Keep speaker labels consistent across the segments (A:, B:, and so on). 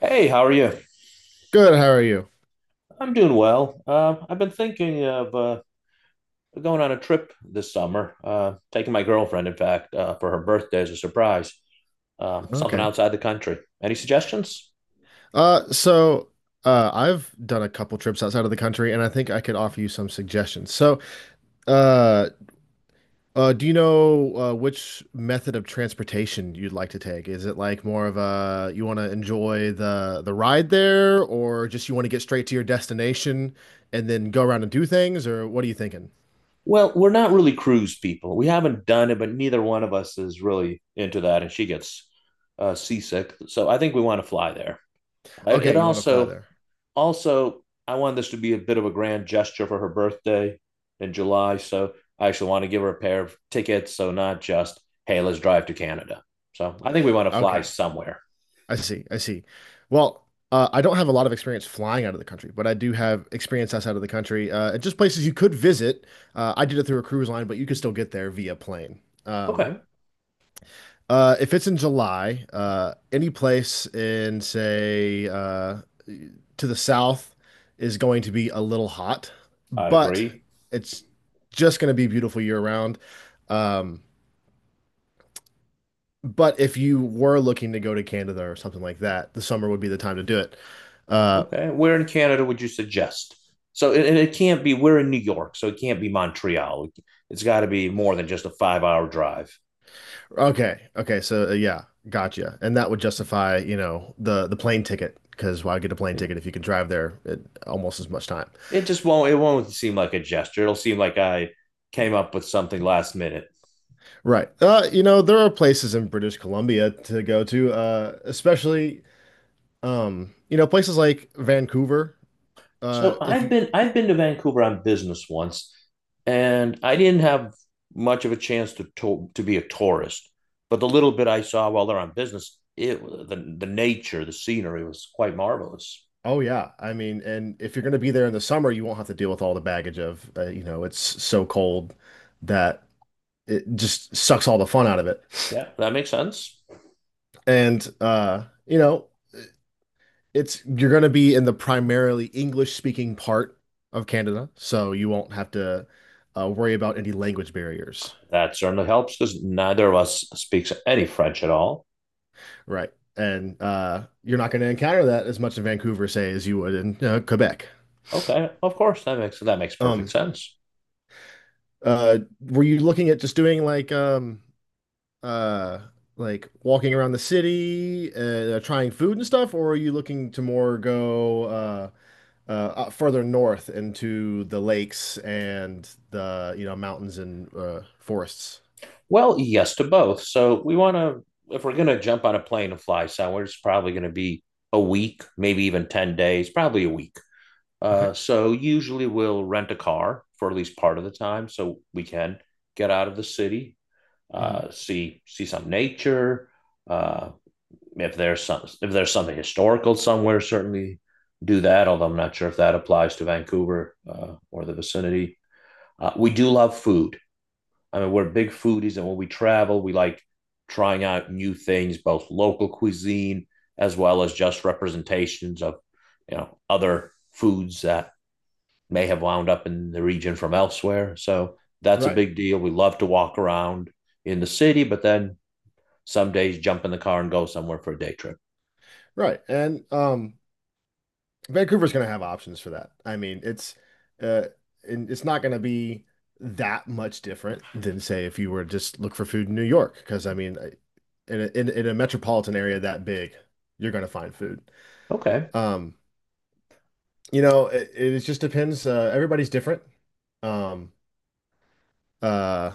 A: Hey, how are you?
B: Good, how are you?
A: I'm doing well. I've been thinking of going on a trip this summer, taking my girlfriend, in fact, for her birthday as a surprise, something
B: Okay.
A: outside the country. Any suggestions?
B: Uh, so I've done a couple trips outside of the country, and I think I could offer you some suggestions. Uh, do you know which method of transportation you'd like to take? Is it like more of a you want to enjoy the ride there, or just you want to get straight to your destination and then go around and do things, or what are you thinking?
A: Well, we're not really cruise people. We haven't done it, but neither one of us is really into that, and she gets seasick. So I think we want to fly there. It
B: Okay, you want to fly
A: also
B: there.
A: Also, I wanted this to be a bit of a grand gesture for her birthday in July. So I actually want to give her a pair of tickets. So not just, hey, let's drive to Canada. So I think we want to fly
B: Okay.
A: somewhere.
B: I see. I see. Well, I don't have a lot of experience flying out of the country, but I do have experience outside of the country. And just places you could visit. I did it through a cruise line, but you could still get there via plane.
A: Okay.
B: If it's in July, any place in, say, to the south is going to be a little hot,
A: I
B: but
A: agree.
B: it's just going to be beautiful year round. Um, but if you were looking to go to Canada or something like that, the summer would be the time to do it. Uh,
A: Okay. Where in Canada would you suggest? So it can't be, we're in New York. So it can't be Montreal. It's got to be more than just a 5 hour drive.
B: Okay. Okay. Gotcha. And that would justify, you know, the plane ticket because why get a plane
A: Yeah.
B: ticket if you can drive there at almost as much time?
A: It won't seem like a gesture. It'll seem like I came up with something last minute.
B: Right. You know, there are places in British Columbia to go to, especially you know, places like Vancouver.
A: So
B: If you
A: I've been to Vancouver on business once, and I didn't have much of a chance to to be a tourist. But the little bit I saw while they're on business, it the nature, the scenery was quite marvelous.
B: Oh yeah, I mean, and if you're going to be there in the summer, you won't have to deal with all the baggage of, you know, it's so cold that it just sucks all the fun out of it.
A: Yeah, that makes sense.
B: And You know, it's you're going to be in the primarily English speaking part of Canada, so you won't have to worry about any language barriers,
A: That certainly helps because neither of us speaks any French at all.
B: right? And You're not going to encounter that as much in Vancouver, say, as you would in Quebec.
A: Okay, of course that makes perfect
B: Um,
A: sense.
B: were you looking at just doing uh, like walking around the city, trying food and stuff, or are you looking to more go further north into the lakes and the you know mountains and forests.
A: Well, yes to both. So we want to if we're going to jump on a plane and fly somewhere, it's probably going to be a week, maybe even 10 days, probably a week.
B: Okay.
A: So usually we'll rent a car for at least part of the time, so we can get out of the city,
B: Hmm.
A: see some nature. Uh, if there's something historical somewhere, certainly do that. Although I'm not sure if that applies to Vancouver or the vicinity. We do love food. I mean, we're big foodies, and when we travel, we like trying out new things, both local cuisine as well as just representations of you know other foods that may have wound up in the region from elsewhere. So that's a
B: Right.
A: big deal. We love to walk around in the city, but then some days jump in the car and go somewhere for a day trip.
B: Right. And Vancouver's going to have options for that. I mean, it's uh, and it's not going to be that much different than say if you were to just look for food in New York, because I mean, in a metropolitan area that big, you're going to find food.
A: Okay.
B: Um, you know, it just depends. Everybody's different. Um, Uh,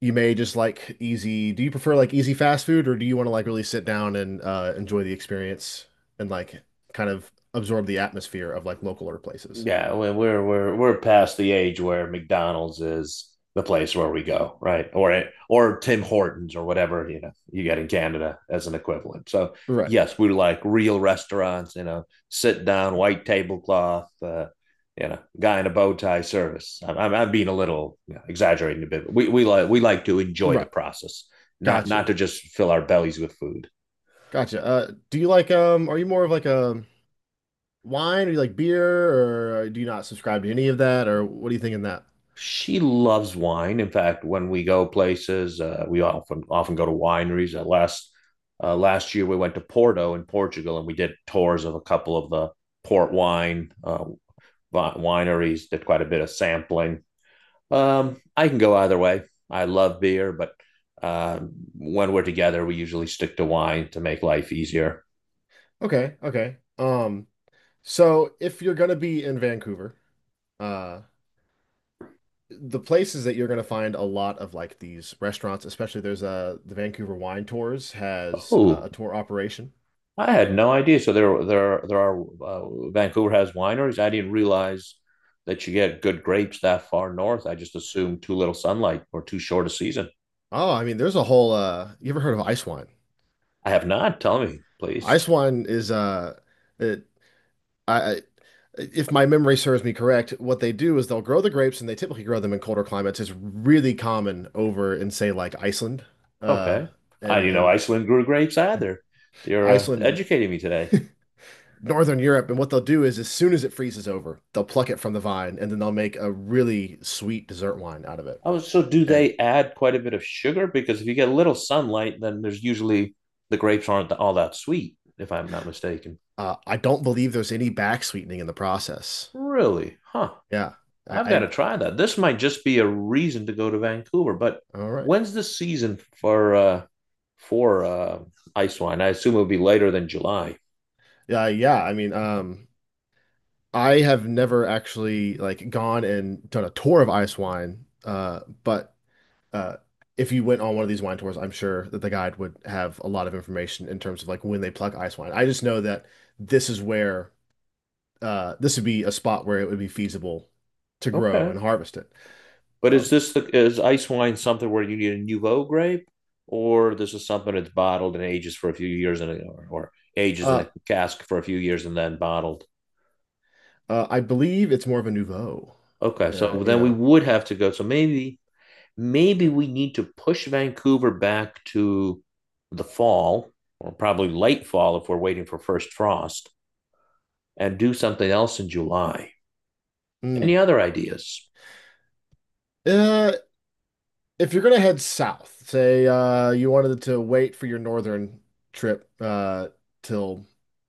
B: you may just like easy. Do you prefer like easy fast food, or do you want to like really sit down and enjoy the experience and like kind of absorb the atmosphere of like localer places?
A: Yeah, are we're past the age where McDonald's is the place where we go, right? Or Tim Hortons or whatever you know you get in Canada as an equivalent. So
B: Right.
A: yes, we like real restaurants, you know, sit down, white tablecloth, you know, guy in a bow tie service. Being a little you know, exaggerating a bit. We we like to enjoy the
B: Right.
A: process, not
B: Gotcha.
A: to just fill our bellies with food.
B: Gotcha. Do you like um? Are you more of like a wine, or you like beer, or do you not subscribe to any of that, or what do you think in that?
A: She loves wine. In fact, when we go places, we often go to wineries. Last year, we went to Porto in Portugal, and we did tours of a couple of the port wine wineries. Did quite a bit of sampling. I can go either way. I love beer, but uh, when we're together, we usually stick to wine to make life easier.
B: Okay. Okay. So if you're gonna be in Vancouver, uh. the places that you're going to find a lot of like these restaurants, especially there's a the Vancouver Wine Tours has
A: Oh,
B: a tour operation.
A: I had no idea. So there are Vancouver has wineries. I didn't realize that you get good grapes that far north. I just assumed too little sunlight or too short a season.
B: Oh, I mean, there's a whole you ever heard of ice wine?
A: I have not. Tell me, please.
B: Ice wine is it I- if my memory serves me correct, what they do is they'll grow the grapes and they typically grow them in colder climates. It's really common over in say like Iceland uh
A: Okay. I
B: and
A: didn't know
B: and
A: Iceland grew grapes
B: eh,
A: either. You're
B: Iceland and
A: educating me today.
B: Northern Europe, and what they'll do is as soon as it freezes over, they'll pluck it from the vine and then they'll make a really sweet dessert wine out of it.
A: Oh, so do
B: And
A: they add quite a bit of sugar? Because if you get a little sunlight, then there's usually the grapes aren't all that sweet, if I'm not mistaken.
B: I don't believe there's any back sweetening in the process.
A: Really? Huh.
B: Yeah.
A: I've got
B: I
A: to try that. This might just be a reason to go to Vancouver. But
B: All right.
A: when's the season for for uh, ice wine? I assume it would be later than July.
B: Yeah, yeah. I mean, I have never actually like gone and done a tour of ice wine, but uh, if you went on one of these wine tours, I'm sure that the guide would have a lot of information in terms of like when they pluck ice wine. I just know that this is where this would be a spot where it would be feasible to grow
A: Okay,
B: and harvest it.
A: but is
B: Um,
A: this the is ice wine something where you need a nouveau grape, or this is something that's bottled and ages for a few years and or ages in
B: uh,
A: a cask for a few years and then bottled?
B: I believe it's more of a nouveau.
A: Okay,
B: Uh,
A: so
B: you
A: then we
B: know.
A: would have to go. So maybe
B: Yeah.
A: we need to push Vancouver back to the fall or probably late fall if we're waiting for first frost and do something else in July. Any
B: Mm.
A: other ideas?
B: Uh, if you're gonna head south, say you wanted to wait for your northern trip till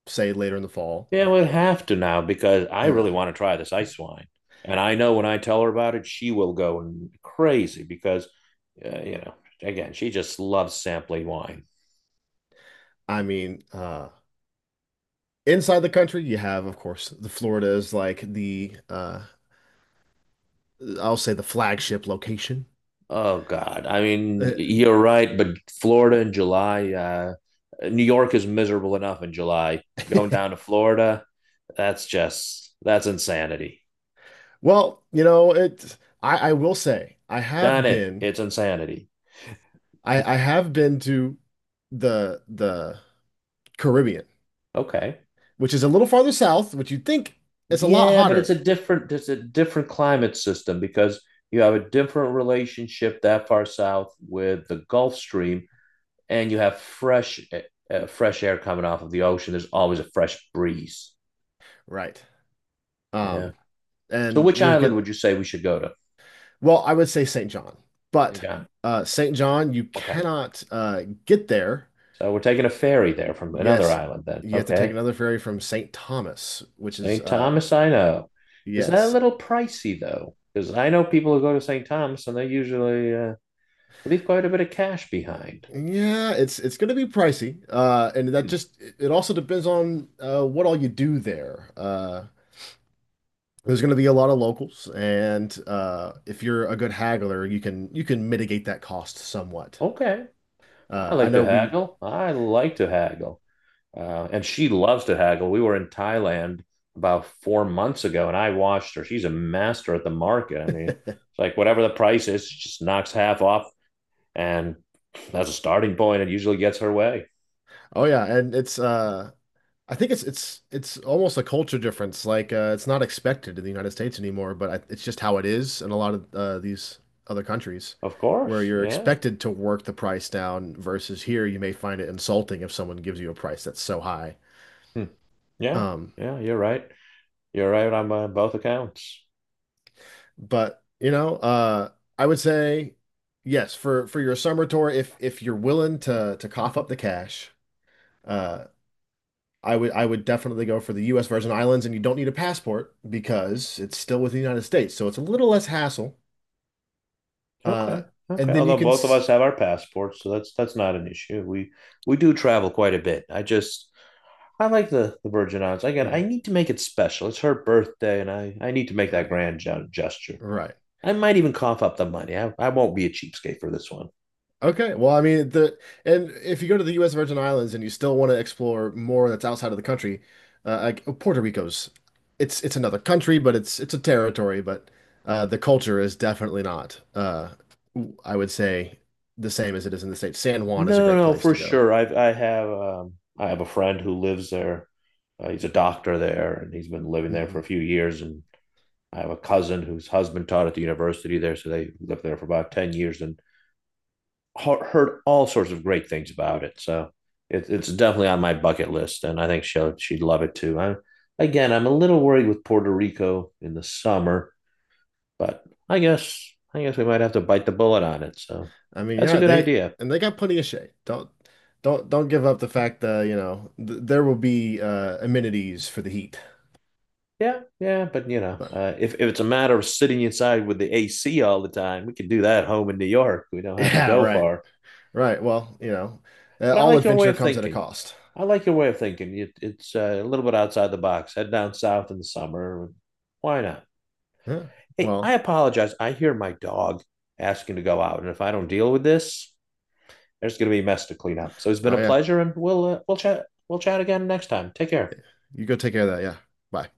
B: say later in the fall.
A: Yeah, we'd have to now because I
B: Yeah,
A: really want to try this ice wine. And I know when I tell her about it, she will go crazy because, you know, again, she just loves sampling wine.
B: I mean, uh, Inside the country, you have, of course, the Florida is like the I'll say the flagship location.
A: Oh God, I mean, you're right, but Florida in July, New York is miserable enough in July. Going down to Florida, that's insanity.
B: Well, you know, it I will say I
A: Done
B: have
A: it.
B: been
A: It's insanity.
B: I have been to the Caribbean,
A: Okay.
B: which is a little farther south, which you'd think is a lot
A: Yeah, but
B: hotter,
A: it's a different climate system because you have a different relationship that far south with the Gulf Stream and you have fresh fresh air coming off of the ocean. There's always a fresh breeze.
B: right?
A: Yeah.
B: Um
A: So
B: and
A: which
B: you're
A: island
B: getting
A: would you say we should go to?
B: well, I would say St. John,
A: Which
B: but
A: island?
B: St. John you
A: Okay.
B: cannot get there.
A: So we're taking a ferry there from another
B: Yes,
A: island then.
B: you have to take
A: Okay.
B: another ferry from St. Thomas, which is
A: St. Thomas, I know. Is that a
B: yes.
A: little pricey though? Because I know people who go to St. Thomas and they usually leave quite a bit of cash behind.
B: Yeah, it's going to be pricey. And that
A: Hmm.
B: just it also depends on what all you do there. There's going to be a lot of locals and if you're a good haggler, you can mitigate that cost somewhat.
A: Okay.
B: I know we
A: I like to haggle. And she loves to haggle. We were in Thailand about 4 months ago and I watched her. She's a master at the market. I mean, it's like whatever the price is, she just knocks half off and that's a starting point. It usually gets her way.
B: Oh yeah, and it's I think it's almost a culture difference. Like it's not expected in the United States anymore, but I, it's just how it is in a lot of these other countries,
A: Of
B: where
A: course.
B: you're
A: Yeah.
B: expected to work the price down. Versus here, you may find it insulting if someone gives you a price that's so high.
A: Hmm. Yeah.
B: Um,
A: Yeah. You're right. You're right on both accounts.
B: but you know, I would say yes for your summer tour if you're willing to cough up the cash. Uh, I would definitely go for the U.S. Virgin Islands, and you don't need a passport because it's still within the United States, so it's a little less hassle. Uh,
A: Okay. Okay.
B: and then you
A: Although
B: can
A: both of
B: s
A: us have our passports, so that's not an issue. We do travel quite a bit. I just I like the Virgin Islands. Again, I
B: Mhm.
A: need to make it special. It's her birthday, and I need to make that
B: Right,
A: grand gesture.
B: right,
A: I might even cough up the money. I won't be a cheapskate for this one.
B: okay. Well, I mean the and if you go to the U.S. Virgin Islands and you still want to explore more that's outside of the country, Puerto Rico's, it's another country, but it's a territory, but the culture is definitely not. I would say the same as it is in the States. San Juan is a
A: No,
B: great
A: no,
B: place
A: for
B: to go.
A: sure. I have a friend who lives there. He's a doctor there, and he's been living there for a
B: Mhm.
A: few years. And I have a cousin whose husband taught at the university there, so they lived there for about 10 years. And heard all sorts of great things about it. So it's definitely on my bucket list, and I think she'd love it too. I'm a little worried with Puerto Rico in the summer, but I guess we might have to bite the bullet on it. So
B: I mean,
A: that's a
B: yeah,
A: good
B: they
A: idea.
B: and they got plenty of shade. Don't give up the fact that, you know, th there will be amenities for the heat.
A: Yeah, but you know,
B: But
A: if it's a matter of sitting inside with the AC all the time, we can do that home in New York. We don't have to
B: yeah,
A: go
B: right.
A: far.
B: Right. Well, you know,
A: But I
B: all
A: like your way
B: adventure
A: of
B: comes at a
A: thinking.
B: cost.
A: I like your way of thinking. It's a little bit outside the box. Head down south in the summer. Why not?
B: Yeah.
A: Hey, I
B: Well,
A: apologize. I hear my dog asking to go out, and if I don't deal with this, there's going to be a mess to clean up. So it's been
B: oh
A: a
B: yeah.
A: pleasure, and we'll we'll chat again next time. Take care.
B: You go take care of that. Yeah. Bye.